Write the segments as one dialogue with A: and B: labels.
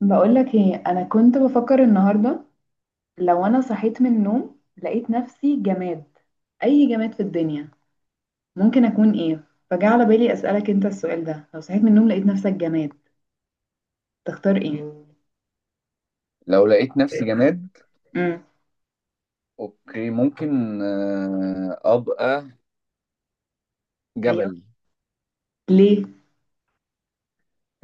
A: بقولك ايه؟ انا كنت بفكر النهارده، لو انا صحيت من النوم لقيت نفسي جماد، اي جماد في الدنيا ممكن اكون؟ ايه فجاء على بالي اسالك انت السؤال ده. لو صحيت من النوم لقيت نفسك جماد تختار ايه؟
B: لو لقيت نفسي جماد،
A: امم
B: اوكي ممكن ابقى
A: ايوه.
B: جبل.
A: ليه؟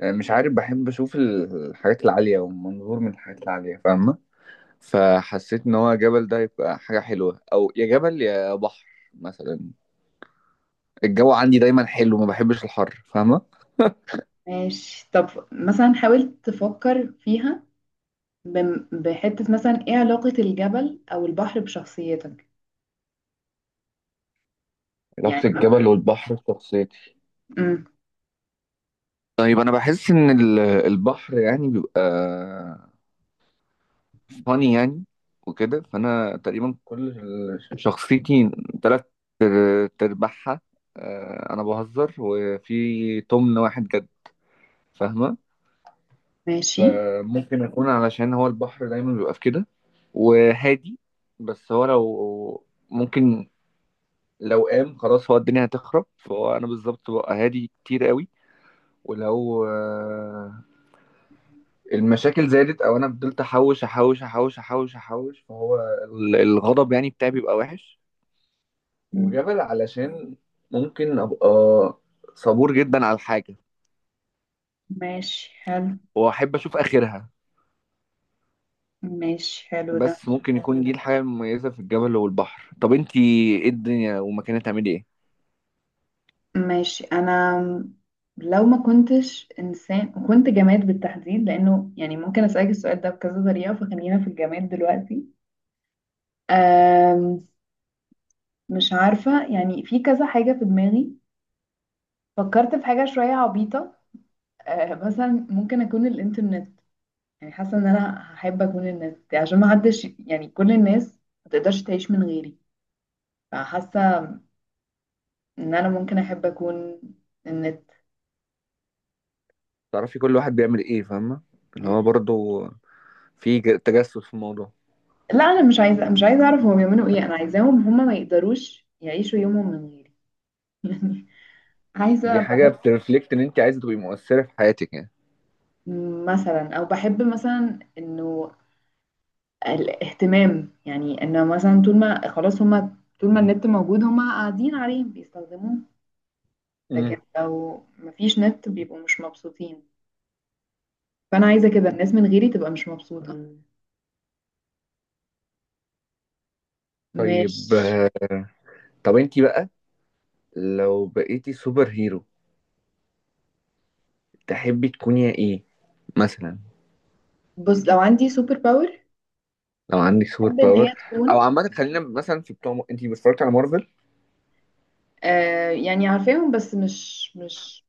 B: مش عارف، بحب اشوف الحاجات العالية والمنظور من الحاجات العالية، فاهمة؟ فحسيت ان هو جبل ده يبقى حاجة حلوة، او يا جبل يا بحر مثلا. الجو عندي دايما حلو، ما بحبش الحر، فاهمة؟
A: ماشي. طب مثلا حاولت تفكر فيها، بحته، مثلا ايه علاقه الجبل او البحر بشخصيتك؟ يعني
B: علاقة الجبل والبحر في شخصيتي.
A: امم
B: طيب، انا بحس ان البحر يعني بيبقى فاني يعني، وكده فانا تقريبا كل شخصيتي تلات تربعها. انا بهزر وفي تمن واحد جد، فاهمه؟
A: ماشي.
B: فممكن اكون علشان هو البحر دايما بيبقى في كده وهادي، بس هو لو ممكن، لو قام خلاص هو الدنيا هتخرب، فهو انا بالظبط ببقى هادي كتير قوي. ولو المشاكل زادت او انا فضلت احوش احوش احوش احوش احوش، فهو الغضب يعني بتاعي بيبقى وحش.
A: مم.
B: وجبل علشان ممكن ابقى صبور جدا على الحاجة
A: ماشي، حلو.
B: واحب اشوف اخرها.
A: ماشي، حلو ده.
B: بس ممكن يكون دي الحاجة المميزة في الجبل والبحر. طب انتي، ايه الدنيا ومكانها، تعملي ايه؟
A: ماشي، انا لو ما كنتش انسان وكنت جماد بالتحديد، لانه يعني ممكن اسالك السؤال ده بكذا طريقه، فخلينا في الجماد دلوقتي. أم مش عارفه، يعني في كذا حاجه في دماغي. فكرت في حاجه شويه عبيطه، مثلا ممكن اكون الانترنت. يعني حاسه ان انا هحب اكون النت عشان ما حدش، يعني كل الناس ما تقدرش تعيش من غيري. فحاسه ان انا ممكن احب اكون النت.
B: تعرفي كل واحد بيعمل ايه، فاهمة؟ اللي هو برضه في تجسس في الموضوع.
A: لا انا مش عايزه، مش عايزه اعرف هم بيعملوا ايه، انا عايزاهم هم ما يقدروش يعيشوا يومهم من غيري. يعني
B: دي
A: عايزه،
B: حاجة
A: بحب
B: بترفلكت ان انتي عايزة تبقي مؤثرة في حياتك، يعني.
A: مثلا، او بحب مثلا انه الاهتمام، يعني انه مثلا طول ما خلاص هم، طول ما النت موجود هم قاعدين عليه بيستخدموه، لكن
B: امم.
A: لو مفيش نت بيبقوا مش مبسوطين. فانا عايزه كده الناس من غيري تبقى مش مبسوطه،
B: طيب،
A: مش...
B: طب انتي بقى لو بقيتي سوبر هيرو تحبي تكوني ايه مثلا؟
A: بص لو عندي سوبر باور،
B: لو عندك سوبر
A: احب ان
B: باور،
A: هي
B: او
A: تكون...
B: عامة خلينا مثلا في بتوع، انتي اتفرجتي على مارفل؟
A: آه يعني عارفاهم بس مش،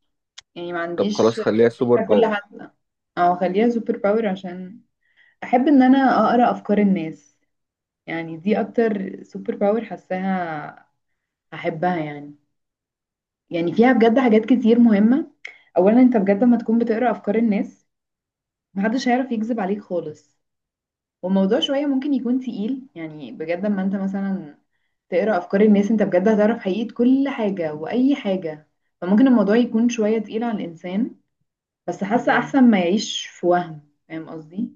A: يعني ما
B: طب خلاص،
A: عنديش
B: خليها سوبر
A: كل
B: باور.
A: حد. او خليها سوبر باور عشان احب ان انا اقرا افكار الناس. يعني دي اكتر سوبر باور حاساها احبها، يعني يعني فيها بجد حاجات كتير مهمة. اولا انت بجد لما تكون بتقرا افكار الناس محدش هيعرف يكذب عليك خالص. والموضوع شوية ممكن يكون تقيل، يعني بجد لما انت مثلا تقرا افكار الناس انت بجد هتعرف حقيقة كل حاجة واي حاجة، فممكن الموضوع يكون شوية تقيل على الانسان، بس حاسة احسن ما يعيش في وهم. فاهم قصدي؟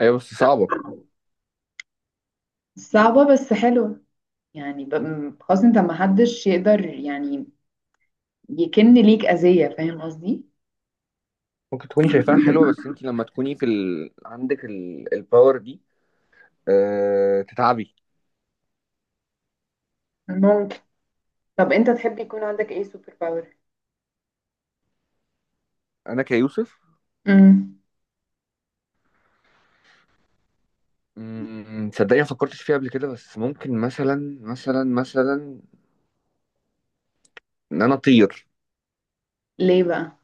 B: ايوه، بس صعبة.
A: صعبة بس حلوة، يعني خلاص انت ما حدش يقدر يعني يكن ليك أذية. فاهم قصدي؟
B: ممكن تكوني شايفاها حلوة، بس انت لما تكوني في عندك الباور دي تتعبي.
A: ممكن. طب انت تحب يكون عندك ايه سوبر باور؟
B: انا كيوسف.
A: امم
B: تصدقني ما فكرتش فيها قبل كده، بس ممكن مثلا ان انا اطير.
A: ليه بقى؟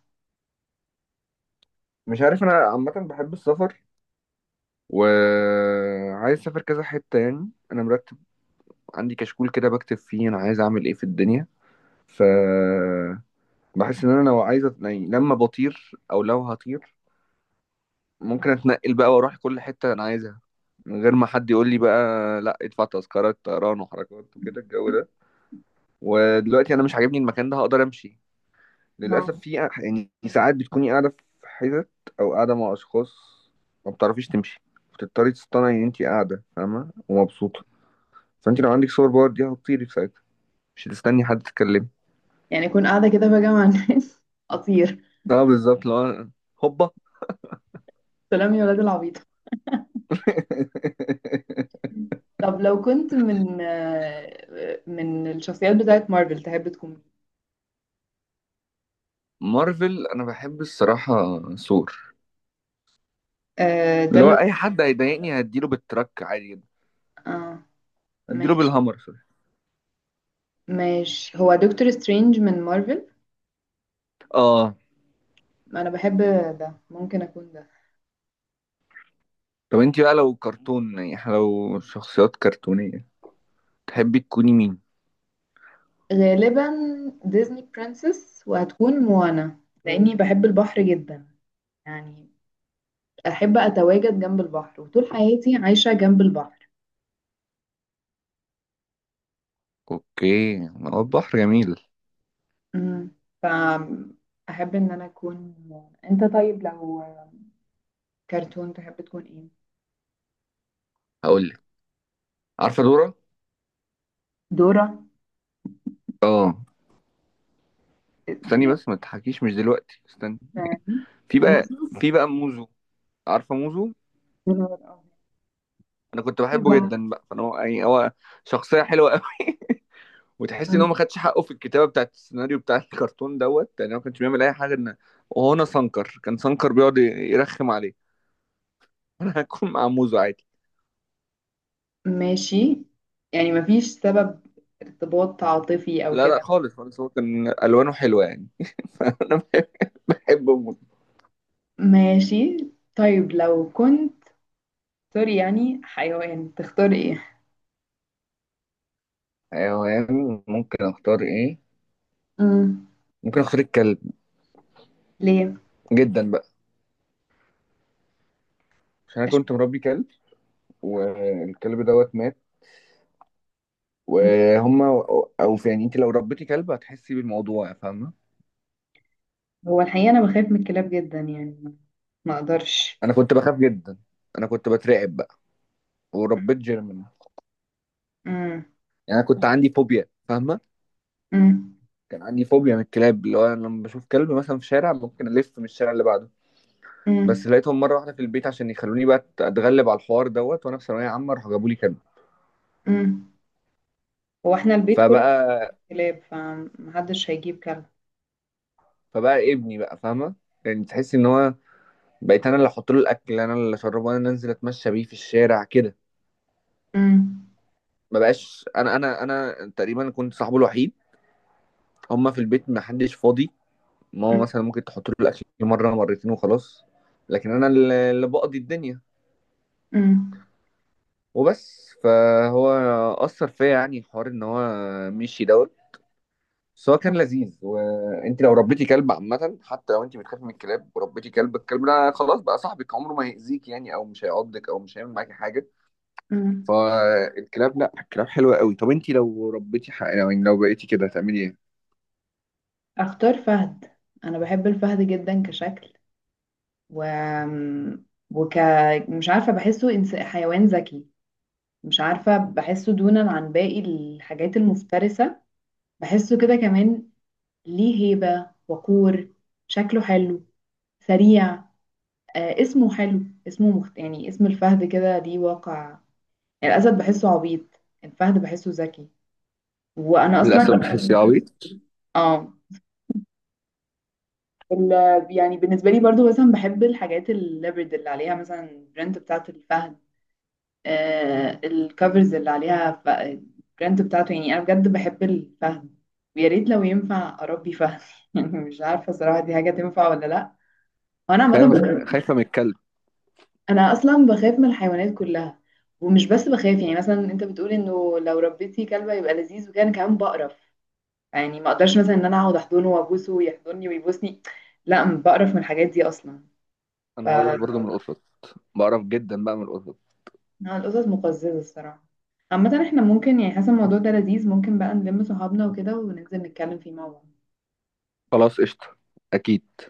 B: مش عارف، انا عامة بحب السفر، وعايز اسافر كذا حتة، يعني انا مرتب. عندي كشكول كده بكتب فيه انا عايز اعمل ايه في الدنيا. ف، بحس ان انا لو عايز يعني لما بطير او لو هطير، ممكن اتنقل بقى واروح كل حتة انا عايزها من غير ما حد يقول لي بقى لا، ادفع تذكرة طيران وحركات وكده الجو ده. ودلوقتي انا مش عاجبني المكان ده، هقدر امشي.
A: اه.
B: للاسف في يعني ساعات بتكوني قاعدة في حتت، او قاعدة مع اشخاص ما بتعرفيش تمشي، بتضطري تصطنعي ان انت قاعدة فاهمة ومبسوطة. فانت لو عندك سوبر باور دي هتطيري في ساعتها، مش هتستني حد تتكلمي.
A: يعني اكون قاعدة كده بقى مع الناس اطير؟
B: اه بالظبط. هوبا.
A: سلام يا ولاد العبيط. طب لو كنت من من الشخصيات بتاعت مارفل تحب تكون مين؟
B: مارفل، انا بحب الصراحة ثور،
A: ده
B: اللي هو
A: اللي هو...
B: اي حد هيضايقني هديله بالتراك عادي جدا.
A: اه،
B: هديله
A: ماشي.
B: بالهامر، سوري.
A: ماشي، هو دكتور سترينج من مارفل،
B: اه.
A: انا بحب ده، ممكن اكون ده.
B: طب انت بقى لو كرتون، يعني إحنا لو شخصيات كرتونية، تحبي تكوني مين؟
A: غالبا ديزني برنسس، وهتكون موانا لاني بحب البحر جدا، يعني احب اتواجد جنب البحر وطول حياتي عايشة جنب البحر.
B: اوكي، ما هو البحر جميل.
A: امم ف احب ان انا اكون موانا. انت طيب لو كرتون تحب تكون ايه؟
B: هقول لك، عارفة دورة؟
A: دورة؟
B: اه، استني
A: يعني
B: بس ما تضحكيش، مش دلوقتي، استني.
A: فاهم؟
B: في بقى
A: موسى.
B: في بقى موزو. عارفة موزو؟
A: يا نهار أبيض.
B: انا كنت
A: إيه
B: بحبه
A: بقى؟
B: جدا بقى، فانا يعني هو شخصية حلوة قوي. وتحس ان هو
A: مم.
B: ما خدش حقه في الكتابة بتاعت السيناريو بتاع الكرتون دوت، يعني هو ما كانش بيعمل اي حاجة ان. وهو انا سانكر، كان سانكر بيقعد يرخم عليه. انا هكون مع موزو عادي.
A: ماشي، يعني مفيش سبب، ارتباط عاطفي او
B: لا لا،
A: كده؟
B: خالص خالص، هو كان الوانه حلوه يعني. فانا بحب، بحب موزو.
A: ماشي. طيب لو كنت سوري يعني حيوان تختار ايه؟
B: حيوان، ممكن اختار ايه؟
A: امم
B: ممكن اختار الكلب،
A: ليه؟
B: جدا بقى، عشان انا كنت
A: اشمعنى؟
B: مربي كلب. والكلب دوت مات،
A: مم.
B: وهما. او في، يعني انت لو ربيتي كلب هتحسي بالموضوع، فاهمه؟
A: هو الحقيقة انا بخاف من الكلاب جدا، يعني ما اقدرش.
B: انا كنت بخاف جدا. انا كنت بترعب بقى، وربيت جيرمان.
A: مم.
B: يعني انا كنت عندي فوبيا، فاهمه.
A: مم.
B: كان عندي فوبيا من الكلاب، اللي هو انا لما بشوف كلب مثلا في شارع ممكن الف من الشارع اللي بعده. بس
A: مم.
B: لقيتهم مره واحده في البيت عشان يخلوني بقى اتغلب على الحوار دوت، وانا في ثانويه عامه راحوا جابوا لي كلب.
A: مم. هو احنا البيت كله
B: فبقى
A: كلاب، فمحدش هيجيب كلب.
B: فبقى ابني بقى، فاهمه، يعني تحس ان هو. بقيت انا اللي احط له الاكل، انا اللي اشربه، انا اللي انزل اتمشى بيه في الشارع كده.
A: مم.
B: ما بقاش انا تقريبا كنت صاحبه الوحيد. هما في البيت ما حدش فاضي، ماما
A: مم.
B: مثلا ممكن تحط له الاكل مره مرتين وخلاص. لكن انا اللي بقضي الدنيا،
A: مم.
B: وبس. فهو اثر فيا، يعني حوار ان هو مشي دوت. بس هو كان لذيذ، وانت لو ربيتي كلب عامة، حتى لو انت بتخافي من الكلاب وربيتي كلب، الكلب ده خلاص بقى صاحبك، عمره ما هيأذيك يعني، او مش هيعضك او مش هيعمل معاكي حاجة.
A: مم.
B: فالكلاب، لا الكلاب حلوة قوي. طب انت لو ربيتي لو يعني لو بقيتي كده هتعملي ايه؟
A: اختار فهد. انا بحب الفهد جدا كشكل، و... وك... مش عارفه بحسه إنس... حيوان ذكي. مش عارفه بحسه دونا عن باقي الحاجات المفترسه، بحسه كده كمان ليه هيبة، وقور، شكله حلو، سريع، آه اسمه حلو. اسمه مخت... يعني اسم الفهد كده دي واقع، يعني الأسد بحسه عبيط، الفهد بحسه ذكي. وأنا أصلا
B: للأسف بحس يا عبيط.
A: اه ال... يعني بالنسبة لي برضو مثلا بحب الحاجات الليبرد اللي عليها مثلا البرنت بتاعت الفهد، آه الكفرز اللي عليها، ف... البرنت بتاعته. يعني أنا بجد بحب الفهد، ويا ريت لو ينفع أربي فهد يعني مش عارفة صراحة دي حاجة تنفع ولا لأ. انا عامه
B: خايفة،
A: ب...
B: خايفة من الكلب.
A: انا اصلا بخاف من الحيوانات كلها. ومش بس بخاف، يعني مثلا انت بتقول انه لو ربيتي كلبه يبقى لذيذ، وكان كمان بقرف، يعني ما اقدرش مثلا ان انا اقعد احضنه وابوسه ويحضني ويبوسني. لا، بقرف من الحاجات دي اصلا. ف
B: انا بعرف برضه من القطط، بعرف جدا بقى من القطط.
A: القطط مقززه الصراحه. عامه احنا ممكن يعني حسب الموضوع ده لذيذ، ممكن بقى نلم صحابنا وكده وننزل نتكلم فيه مع بعض.
B: خلاص قشطة، اكيد.